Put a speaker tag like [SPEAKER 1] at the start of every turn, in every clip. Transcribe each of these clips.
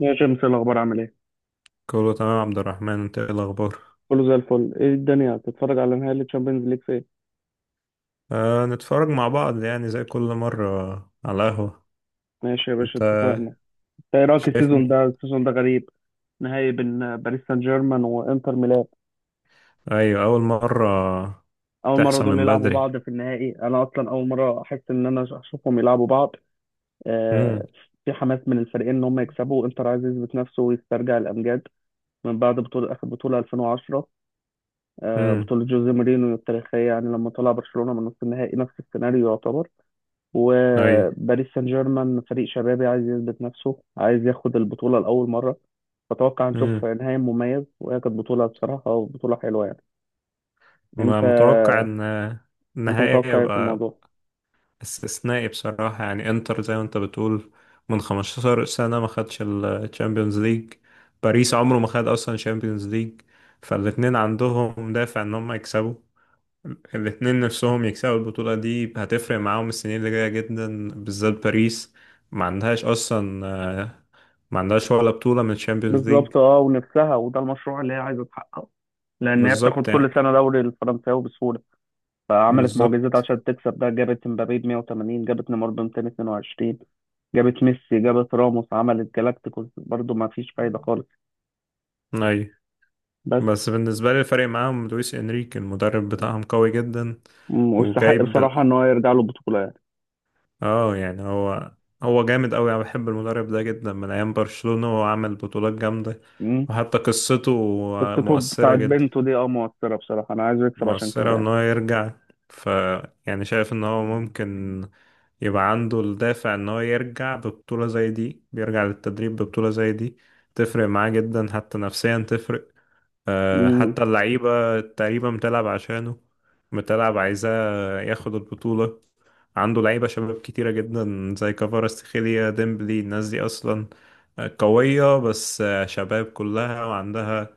[SPEAKER 1] يا جيمس، إيه الاخبار؟ عامل ايه؟
[SPEAKER 2] كله تمام يا عبد الرحمن، انت ايه الاخبار؟
[SPEAKER 1] كله زي الفل. ايه الدنيا بتتفرج على نهائي الشامبيونز ليج فين؟
[SPEAKER 2] آه، نتفرج مع بعض يعني زي كل مرة على القهوة.
[SPEAKER 1] ماشي يا باشا،
[SPEAKER 2] انت،
[SPEAKER 1] اتفقنا. إنت ايه رايك؟
[SPEAKER 2] شايف مين؟
[SPEAKER 1] السيزون ده غريب. نهائي بين باريس سان جيرمان وانتر ميلان.
[SPEAKER 2] ايوه، اول مرة.
[SPEAKER 1] اول مره
[SPEAKER 2] تحصل
[SPEAKER 1] دول
[SPEAKER 2] من
[SPEAKER 1] يلعبوا
[SPEAKER 2] بدري.
[SPEAKER 1] بعض في النهائي، انا اصلا اول مره احس انا اشوفهم يلعبوا بعض.
[SPEAKER 2] امم.
[SPEAKER 1] آه في حماس من الفريقين ان هم يكسبوا. انتر عايز يثبت نفسه ويسترجع الامجاد من بعد بطوله، اخر بطوله 2010.
[SPEAKER 2] امم.
[SPEAKER 1] بطوله جوزيه مورينيو التاريخيه، يعني لما طلع برشلونه من نصف النهائي، نفس السيناريو يعتبر.
[SPEAKER 2] ايوه.
[SPEAKER 1] وباريس سان جيرمان فريق شبابي عايز يثبت نفسه، عايز ياخد البطولة لأول مرة. فأتوقع نشوف
[SPEAKER 2] امم.
[SPEAKER 1] نهائي مميز، وهي كانت بطولة، بصراحة بطولة حلوة يعني.
[SPEAKER 2] ما
[SPEAKER 1] أنت
[SPEAKER 2] متوقع ان
[SPEAKER 1] أنت
[SPEAKER 2] النهائي
[SPEAKER 1] متوقع إيه في
[SPEAKER 2] يبقى
[SPEAKER 1] الموضوع؟
[SPEAKER 2] استثنائي بصراحة، يعني انتر زي ما انت بتقول من 15 سنة ما خدش الشامبيونز ليج. باريس عمره ما خد اصلا شامبيونز ليج. فالاتنين عندهم دافع ان هم يكسبوا. الاتنين نفسهم يكسبوا البطولة دي، هتفرق معاهم السنين اللي جاية جدا بالذات باريس. ما عندهاش أصلا، ما عندهاش ولا بطولة من الشامبيونز ليج.
[SPEAKER 1] بالظبط، أه، ونفسها، وده المشروع اللي هي عايزة تحققه، لأن هي بتاخد
[SPEAKER 2] بالظبط
[SPEAKER 1] كل
[SPEAKER 2] يعني.
[SPEAKER 1] سنة دوري الفرنساوي بسهولة. فعملت معجزات
[SPEAKER 2] بالظبط.
[SPEAKER 1] عشان تكسب ده، جابت مبابي ب 180، جابت نيمار ب 222، جابت ميسي، جابت راموس، عملت جالاكتيكوس برضه ما فيش فايدة خالص.
[SPEAKER 2] أي.
[SPEAKER 1] بس،
[SPEAKER 2] بس بالنسبة لي الفرق معاهم لويس إنريكي المدرب بتاعهم قوي جدا.
[SPEAKER 1] واستحق
[SPEAKER 2] وجايب ال-
[SPEAKER 1] بصراحة إن هو يرجع له بطولة يعني.
[SPEAKER 2] اه يعني هو جامد قوي. انا بحب المدرب ده جدا من ايام برشلونة، وهو عامل بطولات جامدة.
[SPEAKER 1] مم.
[SPEAKER 2] وحتى قصته
[SPEAKER 1] بس توب
[SPEAKER 2] مؤثرة
[SPEAKER 1] بتاعت
[SPEAKER 2] جدا.
[SPEAKER 1] بنته دي، مؤثرة بصراحة، أنا عايز أكسب عشان كده
[SPEAKER 2] مؤثرة إن
[SPEAKER 1] يعني.
[SPEAKER 2] هو يرجع. ف يعني شايف إن هو ممكن يبقى عنده الدافع إن هو يرجع ببطولة زي دي، بيرجع للتدريب ببطولة زي دي تفرق معاه جدا، حتى نفسيا تفرق.
[SPEAKER 1] امم.
[SPEAKER 2] حتى اللعيبة تقريبا بتلعب عشانه، بتلعب عايزاه ياخد البطولة. عنده لعيبة شباب كتيرة جدا زي كفاراتسخيليا ديمبلي، الناس دي أصلا قوية، بس شباب كلها وعندها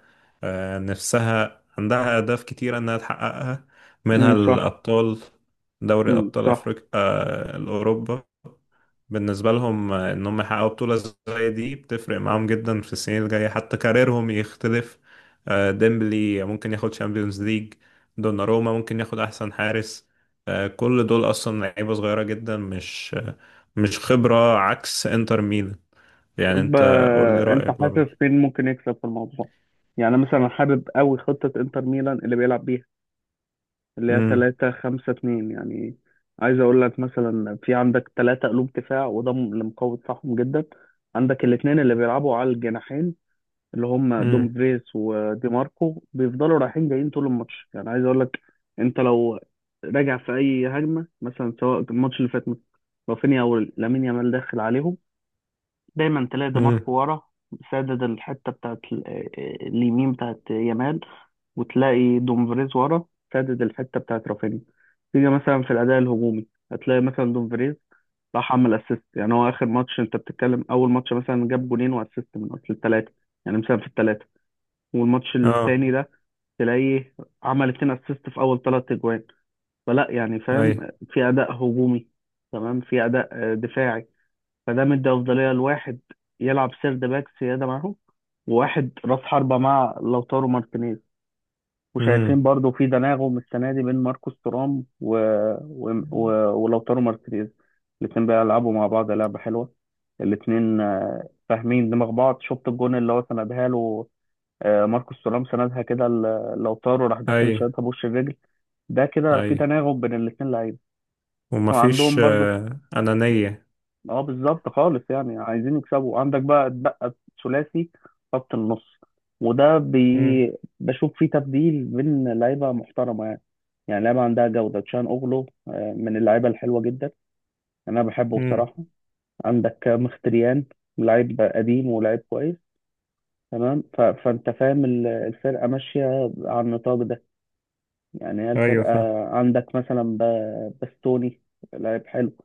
[SPEAKER 2] نفسها، عندها أهداف كتيرة إنها تحققها. منها
[SPEAKER 1] امم، صح.
[SPEAKER 2] الأبطال. دوري
[SPEAKER 1] امم،
[SPEAKER 2] أبطال
[SPEAKER 1] صح.
[SPEAKER 2] أفريقيا. أوروبا. بالنسبة لهم إنهم يحققوا بطولة زي دي، بتفرق معاهم جدا في السنين الجاية حتى كاريرهم يختلف. ديمبلي ممكن ياخد شامبيونز ليج. دوناروما ممكن ياخد احسن حارس. كل دول اصلا لعيبه صغيره جدا، مش خبره عكس انتر ميلان. يعني
[SPEAKER 1] طب،
[SPEAKER 2] انت، قول لي
[SPEAKER 1] أنت
[SPEAKER 2] رايك
[SPEAKER 1] حاسس
[SPEAKER 2] برضه.
[SPEAKER 1] مين ممكن يكسب في الموضوع؟ يعني أنا مثلا حابب أوي خطة إنتر ميلان اللي بيلعب بيها، اللي هي
[SPEAKER 2] امم.
[SPEAKER 1] 3 5 2 يعني. عايز أقول لك، مثلا في عندك 3 قلوب دفاع، وده اللي مقوي دفاعهم جدا. عندك الاتنين اللي بيلعبوا على الجناحين، اللي هم
[SPEAKER 2] امم.
[SPEAKER 1] دومفريس ودي ماركو، بيفضلوا رايحين جايين طول الماتش. يعني عايز اقول لك، انت لو راجع في اي هجمه مثلا، سواء الماتش اللي فات مثلا، رافينيا او لامين يامال داخل عليهم، دايما تلاقي دي
[SPEAKER 2] امم.
[SPEAKER 1] ماركو ورا سادد الحته بتاعت اليمين بتاعت يامال، وتلاقي دومفريز ورا سادد الحته بتاعت رافينيا. تيجي مثلا في الاداء الهجومي، هتلاقي مثلا دومفريز راح عمل اسيست. يعني هو اخر ماتش، انت بتتكلم اول ماتش مثلا، جاب جونين واسيست من اصل الثلاثه، يعني مثلا في الثلاثه. والماتش
[SPEAKER 2] اه.
[SPEAKER 1] التاني ده تلاقيه عمل 2 اسيست في اول 3 اجوان. فلا يعني،
[SPEAKER 2] اي.
[SPEAKER 1] فاهم؟ في اداء هجومي تمام، في اداء دفاعي، فده مدي افضليه لواحد يلعب سيرد باك سياده معاهم، وواحد راس حربه مع لوتارو مارتينيز.
[SPEAKER 2] امم.
[SPEAKER 1] وشايفين برضو في تناغم السنه دي بين ماركوس تورام و... و... ولوتارو مارتينيز. الاتنين بيلعبوا مع بعض لعبه حلوه. الاتنين فاهمين دماغ بعض. شفت الجون اللي هو سندها له، ماركوس تورام سندها كده لوتارو، راح داخل
[SPEAKER 2] اي.
[SPEAKER 1] شايطها بوش الرجل. ده كده
[SPEAKER 2] اي،
[SPEAKER 1] في تناغم بين الاثنين لعيبه،
[SPEAKER 2] ومفيش
[SPEAKER 1] وعندهم برضو.
[SPEAKER 2] انانيه.
[SPEAKER 1] اه، بالظبط خالص يعني، عايزين يكسبوا. عندك بقى اتبقى ثلاثي خط النص، وده
[SPEAKER 2] امم.
[SPEAKER 1] بشوف فيه تبديل بين لعيبه محترمه يعني. يعني لعيبه عندها جوده. تشان اوغلو من اللعيبه الحلوه جدا، انا بحبه
[SPEAKER 2] امم.
[SPEAKER 1] بصراحه. عندك مختريان، لعيب قديم ولعيب كويس، تمام. فانت فاهم الفرقه ماشيه على النطاق ده، يعني هي
[SPEAKER 2] ايوه،
[SPEAKER 1] الفرقة.
[SPEAKER 2] فاهم.
[SPEAKER 1] عندك مثلا باستوني، لعيب حلو.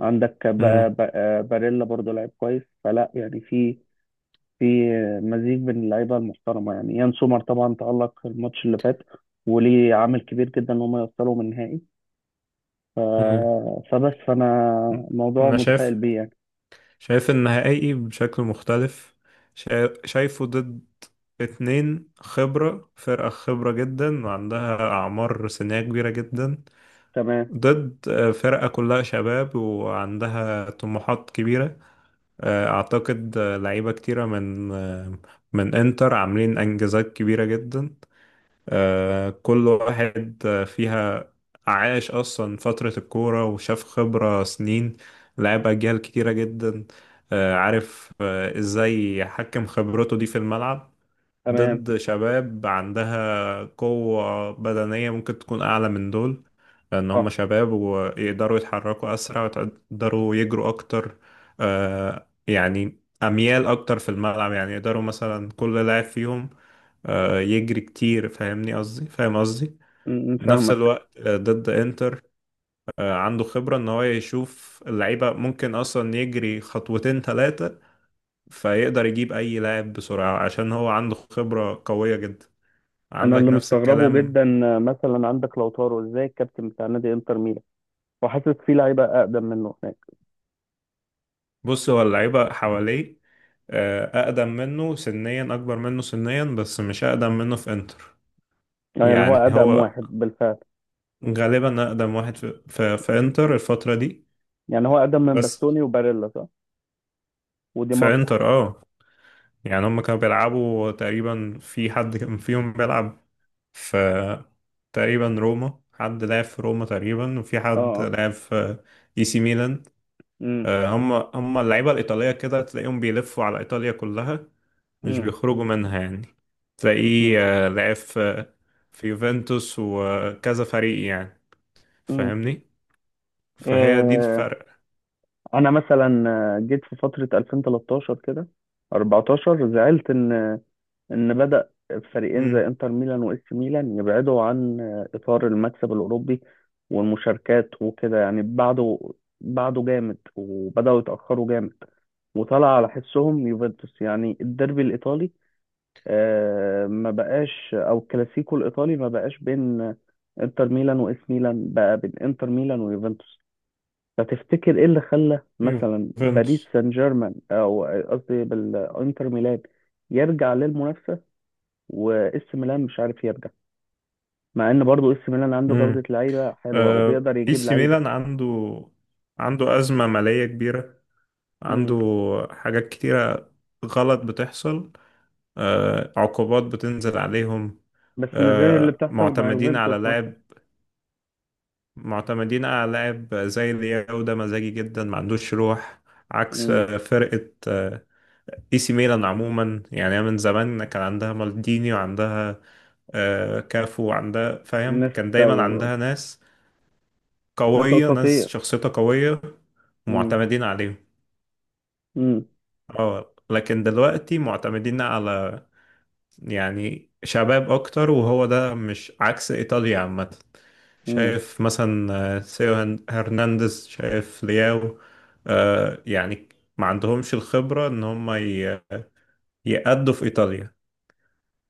[SPEAKER 1] عندك ب...
[SPEAKER 2] امم.
[SPEAKER 1] ب... آه، باريلا برضو لعيب كويس. فلا يعني، في مزيج بين اللعيبة المحترمة، يعني يان سومر طبعا تألق الماتش اللي فات، وليه عامل كبير جدا إن هم يوصلوا من النهائي. ف...
[SPEAKER 2] امم.
[SPEAKER 1] فبس، فأنا الموضوع
[SPEAKER 2] انا
[SPEAKER 1] متفائل
[SPEAKER 2] شايف
[SPEAKER 1] بيه يعني.
[SPEAKER 2] شايف النهائي بشكل مختلف. شايفه ضد اتنين خبرة، فرقة خبرة جدا وعندها أعمار سنية كبيرة جدا.
[SPEAKER 1] تمام.
[SPEAKER 2] ضد فرقة كلها شباب وعندها طموحات كبيرة. أعتقد لعيبة كتيرة من إنتر عاملين إنجازات كبيرة جدا. كل واحد فيها عاش أصلا فترة الكورة، وشاف خبرة سنين، لعب أجيال كتيرة جدا. عارف إزاي يحكم خبرته دي في الملعب.
[SPEAKER 1] تمام،
[SPEAKER 2] ضد شباب عندها قوة بدنية ممكن تكون أعلى من دول، لأن هم
[SPEAKER 1] صح.
[SPEAKER 2] شباب ويقدروا يتحركوا أسرع ويقدروا يجروا أكتر. يعني أميال أكتر في الملعب، يعني يقدروا مثلا كل لاعب فيهم يجري كتير. فاهمني قصدي، فاهم قصدي.
[SPEAKER 1] م- م،
[SPEAKER 2] نفس
[SPEAKER 1] فاهمك.
[SPEAKER 2] الوقت ضد انتر عنده خبرة ان هو يشوف اللعيبة ممكن اصلا يجري خطوتين ثلاثة، فيقدر يجيب اي لاعب بسرعة عشان هو عنده خبرة قوية جدا.
[SPEAKER 1] أنا
[SPEAKER 2] عندك
[SPEAKER 1] اللي
[SPEAKER 2] نفس
[SPEAKER 1] مستغربه
[SPEAKER 2] الكلام.
[SPEAKER 1] جدا، مثلا عندك لوتارو، إزاي الكابتن بتاع نادي إنتر ميلان وحاسس في لعيبة أقدم منه.
[SPEAKER 2] بص هو اللعيبة حواليه اقدم منه سنيا، اكبر منه سنيا، بس مش اقدم منه في انتر.
[SPEAKER 1] يعني هو
[SPEAKER 2] يعني
[SPEAKER 1] أقدم
[SPEAKER 2] هو
[SPEAKER 1] واحد بالفعل.
[SPEAKER 2] غالبا اقدم واحد في انتر الفترة دي.
[SPEAKER 1] يعني هو أقدم من
[SPEAKER 2] بس
[SPEAKER 1] باستوني وباريلا، صح؟ ودي
[SPEAKER 2] في
[SPEAKER 1] ماركو.
[SPEAKER 2] انتر، اه. يعني هم كانوا بيلعبوا تقريبا، في حد كان فيهم بيلعب في تقريبا روما، حد لعب في روما تقريبا، وفي
[SPEAKER 1] اه،
[SPEAKER 2] حد
[SPEAKER 1] اه.
[SPEAKER 2] لعب في اي سي ميلان.
[SPEAKER 1] امم.
[SPEAKER 2] هم اللعيبة الإيطالية كده تلاقيهم بيلفوا على إيطاليا كلها، مش
[SPEAKER 1] امم.
[SPEAKER 2] بيخرجوا منها يعني. تلاقيه
[SPEAKER 1] امم.
[SPEAKER 2] لعب في يوفنتوس وكذا فريق يعني.
[SPEAKER 1] امم.
[SPEAKER 2] فاهمني. فهي دي
[SPEAKER 1] آه،
[SPEAKER 2] الفرق.
[SPEAKER 1] انا مثلا، جيت في فترة 2013 كده، 14، زعلت ان بدأ فريقين زي
[SPEAKER 2] مم.
[SPEAKER 1] انتر ميلان واس ميلان يبعدوا عن اطار المكسب الاوروبي والمشاركات وكده، يعني بعده بعده جامد، وبدأوا يتأخروا جامد. وطلع على حسهم يوفنتوس، يعني الديربي الايطالي، ما بقاش، او الكلاسيكو الايطالي ما بقاش بين انتر ميلان واس ميلان، بقى بين انتر ميلان ويوفنتوس. فتفتكر ايه اللي خلى مثلا باريس
[SPEAKER 2] يوفنتوس.
[SPEAKER 1] سان جيرمان، او قصدي بالانتر ميلان، يرجع للمنافسه؟ واس ميلان مش عارف يرجع، مع ان برضو اس ميلان عنده جوده
[SPEAKER 2] امم.
[SPEAKER 1] لعيبه حلوه وبيقدر
[SPEAKER 2] اي
[SPEAKER 1] يجيب
[SPEAKER 2] سي
[SPEAKER 1] لعيبه.
[SPEAKER 2] ميلان عنده أزمة مالية كبيرة. عنده
[SPEAKER 1] مم.
[SPEAKER 2] حاجات كتيرة غلط بتحصل. عقوبات بتنزل عليهم.
[SPEAKER 1] بس مش زي اللي بتحصل مع
[SPEAKER 2] معتمدين
[SPEAKER 1] يوفنتوس
[SPEAKER 2] على
[SPEAKER 1] مثلا.
[SPEAKER 2] لاعب، معتمدين على لاعب زي لياو ده مزاجي جدا ما عندوش روح. عكس
[SPEAKER 1] مم.
[SPEAKER 2] فرقة اي سي ميلان عموما. يعني هي من زمان كان عندها مالديني، وعندها كافو، وعندها فاهم،
[SPEAKER 1] ناس
[SPEAKER 2] كان دايما
[SPEAKER 1] تو.
[SPEAKER 2] عندها ناس
[SPEAKER 1] ناس
[SPEAKER 2] قوية، ناس
[SPEAKER 1] اساطير.
[SPEAKER 2] شخصيتها قوية
[SPEAKER 1] مم.
[SPEAKER 2] ومعتمدين عليهم.
[SPEAKER 1] مم.
[SPEAKER 2] اه، لكن دلوقتي معتمدين على يعني شباب اكتر، وهو ده مش عكس ايطاليا عامة.
[SPEAKER 1] مم.
[SPEAKER 2] شايف مثلا سيو هرنانديز، شايف لياو. يعني ما عندهمش الخبرة ان هم يأدوا في ايطاليا.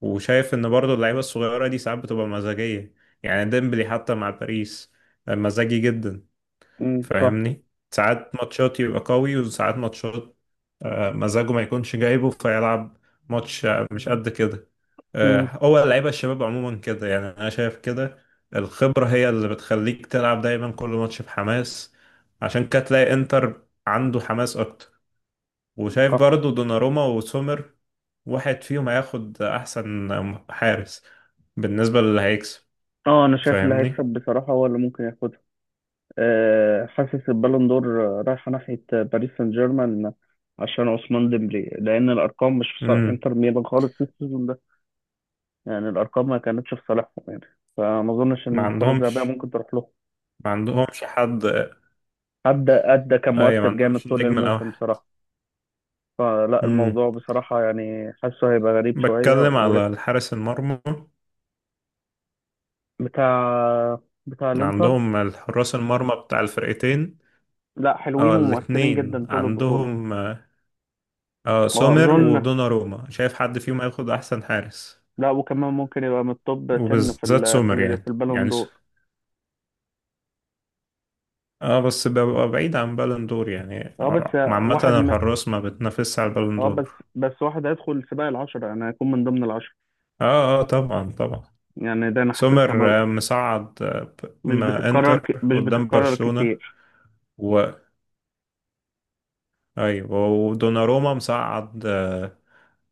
[SPEAKER 2] وشايف ان برضو اللعيبة الصغيرة دي ساعات بتبقى مزاجية، يعني ديمبلي حتى مع باريس مزاجي جدا.
[SPEAKER 1] مم، صح.
[SPEAKER 2] فاهمني. ساعات ماتشات يبقى قوي، وساعات ماتشات مزاجه ما يكونش جايبه، فيلعب ماتش مش قد كده.
[SPEAKER 1] مم.
[SPEAKER 2] هو اللعيبة الشباب عموما كده، يعني أنا شايف كده. الخبرة هي اللي بتخليك تلعب دايما كل ماتش بحماس، عشان كده تلاقي إنتر عنده حماس أكتر. وشايف برضو دوناروما وسومر، واحد فيهم هياخد أحسن حارس بالنسبة للي هيكسب.
[SPEAKER 1] اه، انا شايف اللي هيكسب
[SPEAKER 2] فاهمني؟
[SPEAKER 1] بصراحة هو اللي ممكن ياخدها. أه، حاسس البالون دور رايحة ناحية باريس سان جيرمان، عشان عثمان ديمبلي، لأن الأرقام مش في صالح
[SPEAKER 2] مم.
[SPEAKER 1] انتر ميلان خالص في السيزون ده، يعني الأرقام ما كانتش في صالحهم، يعني فما أظنش
[SPEAKER 2] ما
[SPEAKER 1] إن الكرة الذهبية
[SPEAKER 2] عندهمش
[SPEAKER 1] ممكن تروح له.
[SPEAKER 2] ما عندهمش حد.
[SPEAKER 1] أدى كان
[SPEAKER 2] أي، ما
[SPEAKER 1] مؤثر جامد
[SPEAKER 2] عندهمش
[SPEAKER 1] طول
[SPEAKER 2] النجم
[SPEAKER 1] الموسم
[SPEAKER 2] الأوحد.
[SPEAKER 1] بصراحة. فلا
[SPEAKER 2] مم.
[SPEAKER 1] الموضوع بصراحة يعني حاسه هيبقى غريب شوية
[SPEAKER 2] بتكلم على
[SPEAKER 1] وريسك.
[SPEAKER 2] الحارس المرمى،
[SPEAKER 1] بتاع بتاع الإنتر.
[SPEAKER 2] عندهم الحراس المرمى بتاع الفرقتين.
[SPEAKER 1] لا، حلوين
[SPEAKER 2] اه،
[SPEAKER 1] ومؤثرين
[SPEAKER 2] الاتنين
[SPEAKER 1] جدا طول البطولة.
[SPEAKER 2] عندهم سومر
[SPEAKER 1] وأظن
[SPEAKER 2] ودوناروما، شايف حد فيهم هياخد احسن حارس
[SPEAKER 1] لا، وكمان ممكن يبقى من التوب 10
[SPEAKER 2] وبالذات سومر. يعني
[SPEAKER 1] في البالون
[SPEAKER 2] يعني
[SPEAKER 1] دور.
[SPEAKER 2] اه، بس ببقى بعيد عن بالون دور يعني.
[SPEAKER 1] اه بس
[SPEAKER 2] عامة
[SPEAKER 1] واحد م...
[SPEAKER 2] الحراس ما بتنافسش على البالون
[SPEAKER 1] اه بس
[SPEAKER 2] دور.
[SPEAKER 1] بس واحد هيدخل سباق العشرة، انا هيكون من ضمن العشرة.
[SPEAKER 2] اه، اه، طبعا، طبعا.
[SPEAKER 1] يعني ده انا حاسسها
[SPEAKER 2] سومر مصعد ما انتر
[SPEAKER 1] مش
[SPEAKER 2] قدام
[SPEAKER 1] بتتكرر
[SPEAKER 2] برشلونة،
[SPEAKER 1] كتير.
[SPEAKER 2] و ايوه، ودوناروما مصعد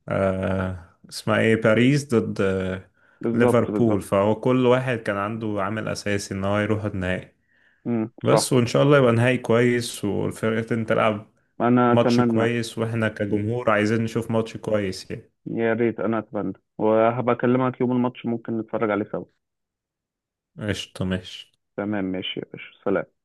[SPEAKER 2] اسمها ايه باريس ضد
[SPEAKER 1] بالظبط،
[SPEAKER 2] ليفربول.
[SPEAKER 1] بالظبط.
[SPEAKER 2] فهو كل واحد كان عنده عامل اساسي ان هو يروح النهائي.
[SPEAKER 1] امم،
[SPEAKER 2] بس،
[SPEAKER 1] صح.
[SPEAKER 2] وان شاء الله يبقى نهائي كويس والفرقتين تلعب
[SPEAKER 1] انا
[SPEAKER 2] ماتش
[SPEAKER 1] اتمنى.
[SPEAKER 2] كويس، واحنا كجمهور عايزين نشوف ماتش كويس يعني.
[SPEAKER 1] يا ريت، انا اتمنى، وهبكلمك يوم الماتش ممكن نتفرج عليه سوا.
[SPEAKER 2] قشطة، ماشي.
[SPEAKER 1] تمام، ماشي يا باشا، سلام.